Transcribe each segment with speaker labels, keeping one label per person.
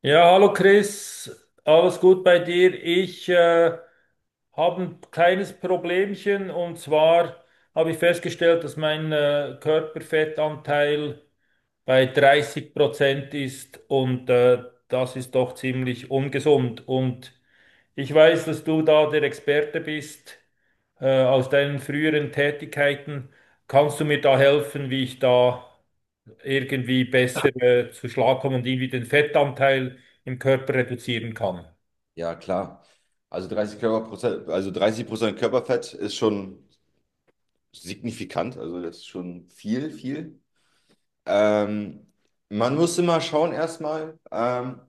Speaker 1: Ja, hallo Chris, alles gut bei dir? Ich habe ein kleines Problemchen und zwar habe ich festgestellt, dass mein Körperfettanteil bei 30% ist und das ist doch ziemlich ungesund. Und ich weiß, dass du da der Experte bist aus deinen früheren Tätigkeiten. Kannst du mir da helfen, wie ich da irgendwie besser zu Schlag kommen und irgendwie den Fettanteil im Körper reduzieren kann.
Speaker 2: Ja, klar. Also 30 Körperprozent, also 30% Körperfett ist schon signifikant, also das ist schon viel, viel. Ähm, man muss immer schauen erstmal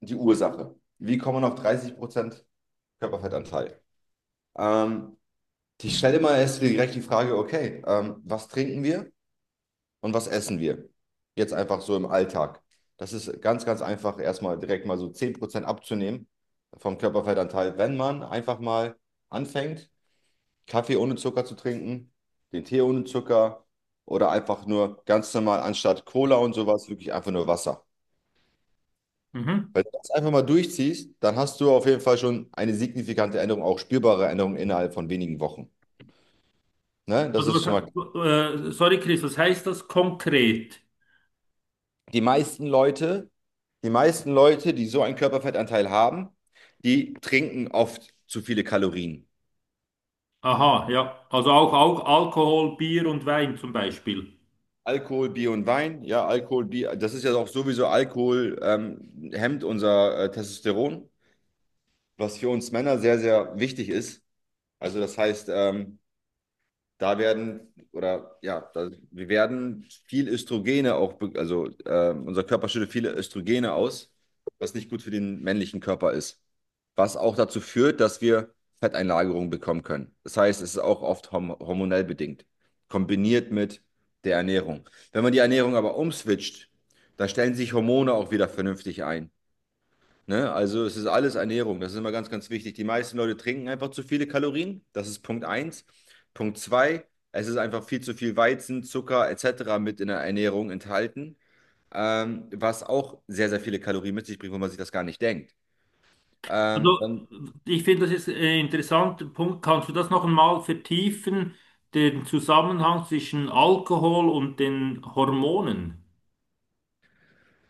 Speaker 2: die Ursache. Wie kommt man auf 30% Körperfettanteil? Ähm, ich stelle immer erst direkt die Frage, okay, was trinken wir und was essen wir? Jetzt einfach so im Alltag. Das ist ganz, ganz einfach, erstmal direkt mal so 10% abzunehmen vom Körperfettanteil, wenn man einfach mal anfängt Kaffee ohne Zucker zu trinken, den Tee ohne Zucker oder einfach nur ganz normal anstatt Cola und sowas wirklich einfach nur Wasser.
Speaker 1: Mhm.
Speaker 2: Wenn du das einfach mal durchziehst, dann hast du auf jeden Fall schon eine signifikante Änderung, auch spürbare Änderung innerhalb von wenigen Wochen. Ne? Das
Speaker 1: Also,
Speaker 2: ist schon mal.
Speaker 1: sorry, Chris, was heißt das konkret?
Speaker 2: Die meisten Leute, die meisten Leute, die so einen Körperfettanteil haben, die trinken oft zu viele Kalorien.
Speaker 1: Aha, ja. Also auch, auch Alkohol, Bier und Wein zum Beispiel.
Speaker 2: Alkohol, Bier und Wein, ja, Alkohol, Bier, das ist ja auch sowieso Alkohol, hemmt unser Testosteron, was für uns Männer sehr, sehr wichtig ist. Also das heißt, da werden oder ja, da, wir werden viel Östrogene auch, also unser Körper schüttet viele Östrogene aus, was nicht gut für den männlichen Körper ist. Was auch dazu führt, dass wir Fetteinlagerungen bekommen können. Das heißt, es ist auch oft hormonell bedingt, kombiniert mit der Ernährung. Wenn man die Ernährung aber umswitcht, dann stellen sich Hormone auch wieder vernünftig ein. Ne? Also es ist alles Ernährung, das ist immer ganz, ganz wichtig. Die meisten Leute trinken einfach zu viele Kalorien, das ist Punkt eins. Punkt 2: Es ist einfach viel zu viel Weizen, Zucker etc. mit in der Ernährung enthalten, was auch sehr, sehr viele Kalorien mit sich bringt, wo man sich das gar nicht denkt. Ähm,
Speaker 1: Also,
Speaker 2: dann,
Speaker 1: ich finde, das ist ein interessanter Punkt. Kannst du das noch einmal vertiefen, den Zusammenhang zwischen Alkohol und den Hormonen?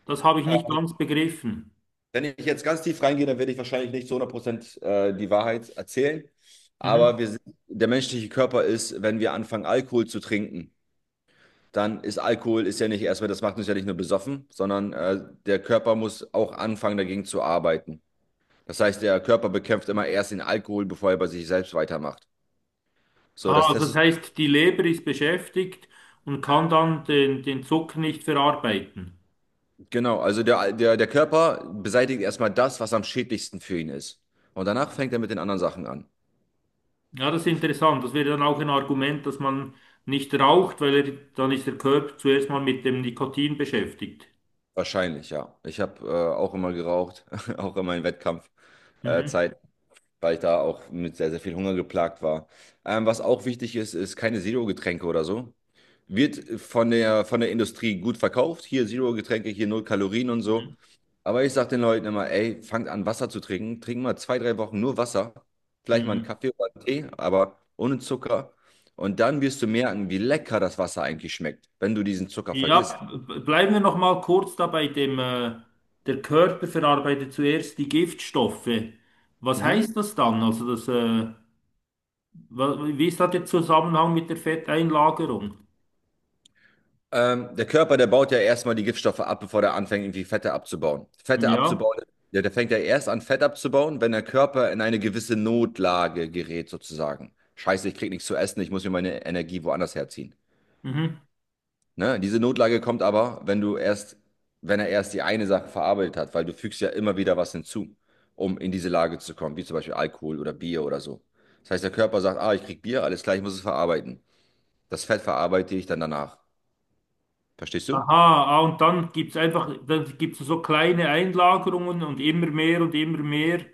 Speaker 1: Das habe ich nicht
Speaker 2: äh,
Speaker 1: ganz begriffen.
Speaker 2: Wenn ich jetzt ganz tief reingehe, dann werde ich wahrscheinlich nicht zu 100% die Wahrheit erzählen, aber
Speaker 1: Mhm.
Speaker 2: wir sind, der menschliche Körper ist, wenn wir anfangen, Alkohol zu trinken, dann ist Alkohol ist ja nicht erstmal, das macht uns ja nicht nur besoffen, sondern der Körper muss auch anfangen, dagegen zu arbeiten. Das heißt, der Körper bekämpft immer erst den Alkohol, bevor er bei sich selbst weitermacht. So, das
Speaker 1: Ah, das
Speaker 2: Testosteron,
Speaker 1: heißt, die Leber ist beschäftigt und kann dann den Zucker nicht verarbeiten.
Speaker 2: genau, also der Körper beseitigt erstmal das, was am schädlichsten für ihn ist. Und danach fängt er mit den anderen Sachen an.
Speaker 1: Ja, das ist interessant. Das wäre dann auch ein Argument, dass man nicht raucht, weil er, dann ist der Körper zuerst mal mit dem Nikotin beschäftigt.
Speaker 2: Wahrscheinlich, ja. Ich habe auch immer geraucht, auch in meinen Wettkampfzeit,
Speaker 1: Mhm.
Speaker 2: Zeit, weil ich da auch mit sehr, sehr viel Hunger geplagt war. Was auch wichtig ist, ist keine Zero-Getränke oder so. Wird von der Industrie gut verkauft. Hier Zero-Getränke, hier null Kalorien und so.
Speaker 1: Mhm.
Speaker 2: Aber ich sage den Leuten immer, ey, fangt an, Wasser zu trinken. Trinken mal zwei, drei Wochen nur Wasser. Vielleicht mal einen
Speaker 1: Mhm.
Speaker 2: Kaffee oder einen Tee, aber ohne Zucker. Und dann wirst du merken, wie lecker das Wasser eigentlich schmeckt, wenn du diesen Zucker vergisst.
Speaker 1: Ja, bleiben wir noch mal kurz da bei dem, der Körper verarbeitet zuerst die Giftstoffe. Was
Speaker 2: Mhm.
Speaker 1: heißt das dann? Also wie ist da der Zusammenhang mit der Fetteinlagerung?
Speaker 2: Der Körper, der baut ja erstmal die Giftstoffe ab, bevor der anfängt, irgendwie Fette abzubauen. Fette
Speaker 1: Ja.
Speaker 2: abzubauen, der, der fängt ja erst an, Fett abzubauen, wenn der Körper in eine gewisse Notlage gerät, sozusagen. Scheiße, ich krieg nichts zu essen, ich muss mir meine Energie woanders herziehen.
Speaker 1: Mhm.
Speaker 2: Ne? Diese Notlage kommt aber, wenn er erst die eine Sache verarbeitet hat, weil du fügst ja immer wieder was hinzu, um in diese Lage zu kommen, wie zum Beispiel Alkohol oder Bier oder so. Das heißt, der Körper sagt, ah, ich krieg Bier, alles klar, ich muss es verarbeiten. Das Fett verarbeite ich dann danach. Verstehst du?
Speaker 1: Aha, ah, und dann gibt's einfach, dann gibt's so kleine Einlagerungen und immer mehr und immer mehr.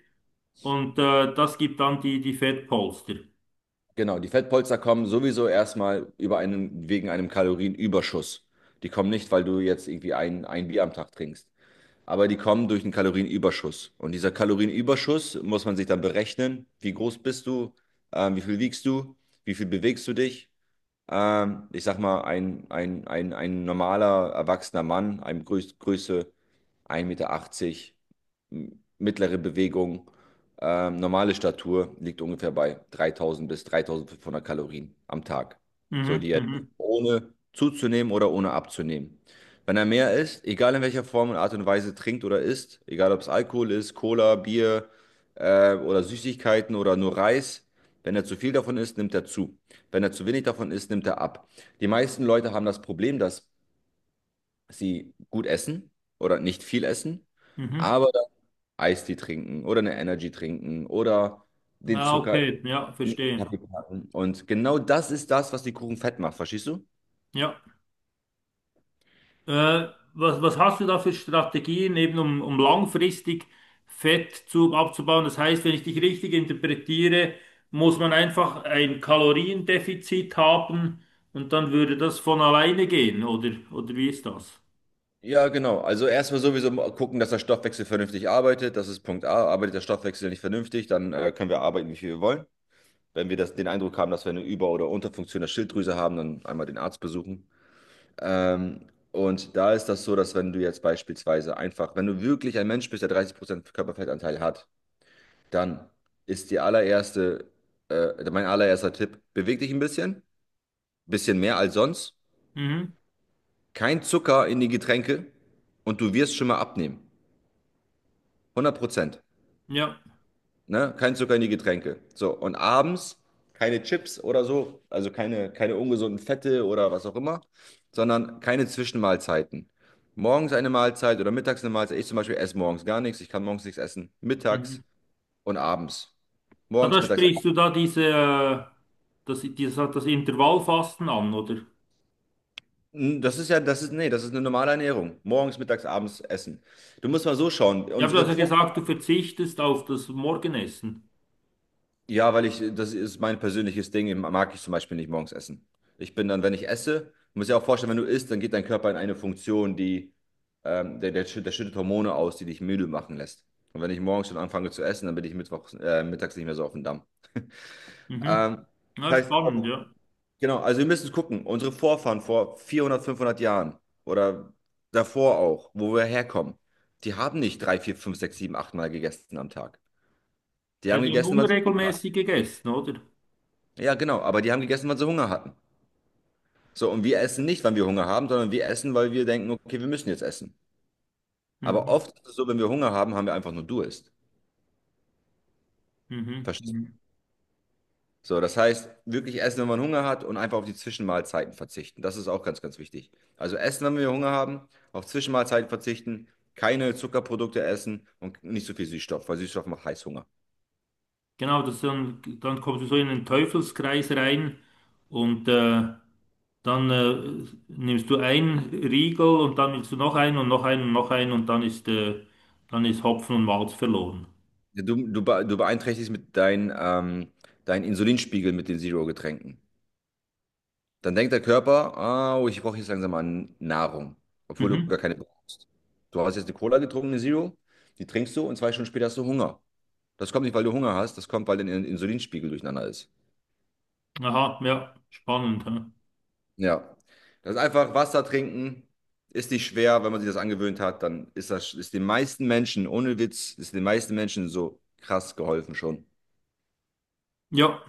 Speaker 1: Und das gibt dann die Fettpolster.
Speaker 2: Genau, die Fettpolster kommen sowieso erstmal wegen einem Kalorienüberschuss. Die kommen nicht, weil du jetzt irgendwie ein Bier am Tag trinkst, aber die kommen durch einen Kalorienüberschuss. Und dieser Kalorienüberschuss muss man sich dann berechnen, wie groß bist du, wie viel wiegst du, wie viel bewegst du dich. Ich sag mal, ein normaler erwachsener Mann, einem Größe 1,80 Meter, mittlere Bewegung, normale Statur liegt ungefähr bei 3000 bis 3500 Kalorien am Tag. So,
Speaker 1: Mhm,
Speaker 2: die er
Speaker 1: mhm,
Speaker 2: ohne zuzunehmen oder ohne abzunehmen. Wenn er mehr isst, egal in welcher Form und Art und Weise trinkt oder isst, egal ob es Alkohol ist, Cola, Bier oder Süßigkeiten oder nur Reis, wenn er zu viel davon isst, nimmt er zu. Wenn er zu wenig davon isst, nimmt er ab. Die meisten Leute haben das Problem, dass sie gut essen oder nicht viel essen,
Speaker 1: mhm.
Speaker 2: aber Eistee trinken oder eine Energy trinken oder den
Speaker 1: Ah,
Speaker 2: Zucker
Speaker 1: okay, ja,
Speaker 2: in den
Speaker 1: verstehe.
Speaker 2: Kaffee packen. Und genau das ist das, was die Kuchen fett macht, verstehst du?
Speaker 1: Ja. Äh, Was, was hast du da für Strategien, eben um, um langfristig Fett zu, abzubauen? Das heißt, wenn ich dich richtig interpretiere, muss man einfach ein Kaloriendefizit haben und dann würde das von alleine gehen, oder wie ist das?
Speaker 2: Ja, genau. Also erstmal sowieso mal gucken, dass der Stoffwechsel vernünftig arbeitet. Das ist Punkt A. Arbeitet der Stoffwechsel nicht vernünftig, dann können wir arbeiten, wie viel wir wollen. Wenn wir den Eindruck haben, dass wir eine Über- oder Unterfunktion der Schilddrüse haben, dann einmal den Arzt besuchen. Und da ist das so, dass wenn du jetzt beispielsweise einfach, wenn du wirklich ein Mensch bist, der 30% Körperfettanteil hat, dann ist die allererste, mein allererster Tipp, beweg dich ein bisschen mehr als sonst.
Speaker 1: Mhm.
Speaker 2: Kein Zucker in die Getränke und du wirst schon mal abnehmen. 100%.
Speaker 1: Ja.
Speaker 2: Ne? Kein Zucker in die Getränke. So, und abends keine Chips oder so, also keine ungesunden Fette oder was auch immer, sondern keine Zwischenmahlzeiten. Morgens eine Mahlzeit oder mittags eine Mahlzeit. Ich zum Beispiel esse morgens gar nichts. Ich kann morgens nichts essen. Mittags
Speaker 1: Mhm.
Speaker 2: und abends.
Speaker 1: Ah,
Speaker 2: Morgens,
Speaker 1: da
Speaker 2: mittags.
Speaker 1: sprichst du da das Intervallfasten an, oder?
Speaker 2: Das ist ja, das ist, nee, das ist eine normale Ernährung. Morgens, mittags, abends essen. Du musst mal so schauen.
Speaker 1: Ja, aber du
Speaker 2: Unsere
Speaker 1: hast ja so
Speaker 2: Vor
Speaker 1: gesagt, du verzichtest auf das Morgenessen.
Speaker 2: Ja, weil ich, das ist mein persönliches Ding, mag ich zum Beispiel nicht morgens essen. Ich bin dann, wenn ich esse, muss ja auch vorstellen, wenn du isst, dann geht dein Körper in eine Funktion, die, der, der, schütt- der schüttet Hormone aus, die dich müde machen lässt. Und wenn ich morgens schon anfange zu essen, dann bin ich mittags nicht mehr so auf dem Damm.
Speaker 1: Mhm.
Speaker 2: Ähm,
Speaker 1: Ja,
Speaker 2: das heißt,
Speaker 1: spannend,
Speaker 2: auch
Speaker 1: ja.
Speaker 2: Genau, also wir müssen gucken, unsere Vorfahren vor 400, 500 Jahren oder davor auch, wo wir herkommen, die haben nicht drei, vier, fünf, sechs, sieben, acht Mal gegessen am Tag. Die
Speaker 1: Ja,
Speaker 2: haben
Speaker 1: die haben
Speaker 2: gegessen, wann sie Hunger hatten.
Speaker 1: unregelmäßig gegessen, oder?
Speaker 2: Ja, genau, aber die haben gegessen, wann sie Hunger hatten. So, und wir essen nicht, wann wir Hunger haben, sondern wir essen, weil wir denken, okay, wir müssen jetzt essen. Aber
Speaker 1: Mhm.
Speaker 2: oft ist es so, wenn wir Hunger haben, haben wir einfach nur Durst.
Speaker 1: Mhm.
Speaker 2: Verstehst?
Speaker 1: Mhm.
Speaker 2: So, das heißt, wirklich essen, wenn man Hunger hat und einfach auf die Zwischenmahlzeiten verzichten. Das ist auch ganz, ganz wichtig. Also essen, wenn wir Hunger haben, auf Zwischenmahlzeiten verzichten, keine Zuckerprodukte essen und nicht so viel Süßstoff, weil Süßstoff macht Heißhunger.
Speaker 1: Genau, das dann, dann kommst du so in den Teufelskreis rein und dann nimmst du einen Riegel und dann willst du noch einen und noch einen und noch einen und dann dann ist Hopfen und Malz verloren.
Speaker 2: Du beeinträchtigst mit deinen Insulinspiegel mit den Zero-Getränken. Dann denkt der Körper, ah, oh, ich brauche jetzt langsam mal Nahrung, obwohl du
Speaker 1: Mhm.
Speaker 2: gar keine brauchst. Du hast jetzt eine Cola getrunken, eine Zero, die trinkst du und 2 Stunden später hast du Hunger. Das kommt nicht, weil du Hunger hast, das kommt, weil dein Insulinspiegel durcheinander ist.
Speaker 1: Aha, ja, spannend. Hä?
Speaker 2: Ja. Das ist einfach Wasser trinken, ist nicht schwer, wenn man sich das angewöhnt hat, dann ist das ist den meisten Menschen, ohne Witz, ist den meisten Menschen so krass geholfen schon.
Speaker 1: Ja,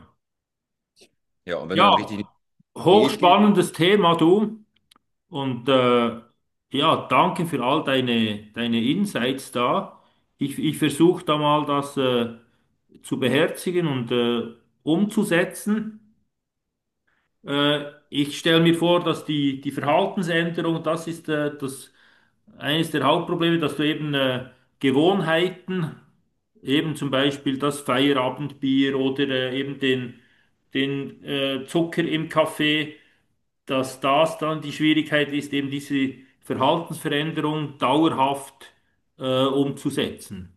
Speaker 2: Ja, und wenn du
Speaker 1: ja,
Speaker 2: dann richtig in die Diät gehst,
Speaker 1: hochspannendes Thema, du. Und äh, ja, danke für all deine, deine Insights da. Ich versuche da mal das zu beherzigen und umzusetzen. Ich stelle mir vor, dass die Verhaltensänderung, das ist eines der Hauptprobleme, dass du eben Gewohnheiten, eben zum Beispiel das Feierabendbier oder eben den Zucker im Kaffee, dass das dann die Schwierigkeit ist, eben diese Verhaltensveränderung dauerhaft umzusetzen.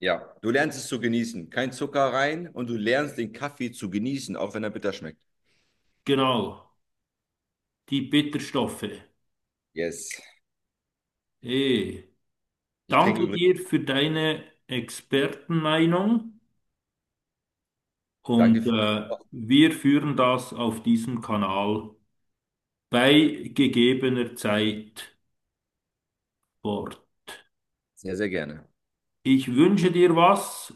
Speaker 2: ja, du lernst es zu genießen. Kein Zucker rein und du lernst den Kaffee zu genießen, auch wenn er bitter schmeckt.
Speaker 1: Genau, die Bitterstoffe.
Speaker 2: Yes.
Speaker 1: Eh.
Speaker 2: Ich trinke
Speaker 1: Danke
Speaker 2: übrigens.
Speaker 1: dir für deine Expertenmeinung.
Speaker 2: Danke für
Speaker 1: Wir führen das auf diesem Kanal bei gegebener Zeit fort.
Speaker 2: sehr, sehr gerne.
Speaker 1: Ich wünsche dir was,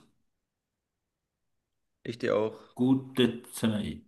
Speaker 2: Ich dir auch.
Speaker 1: gute Zeit.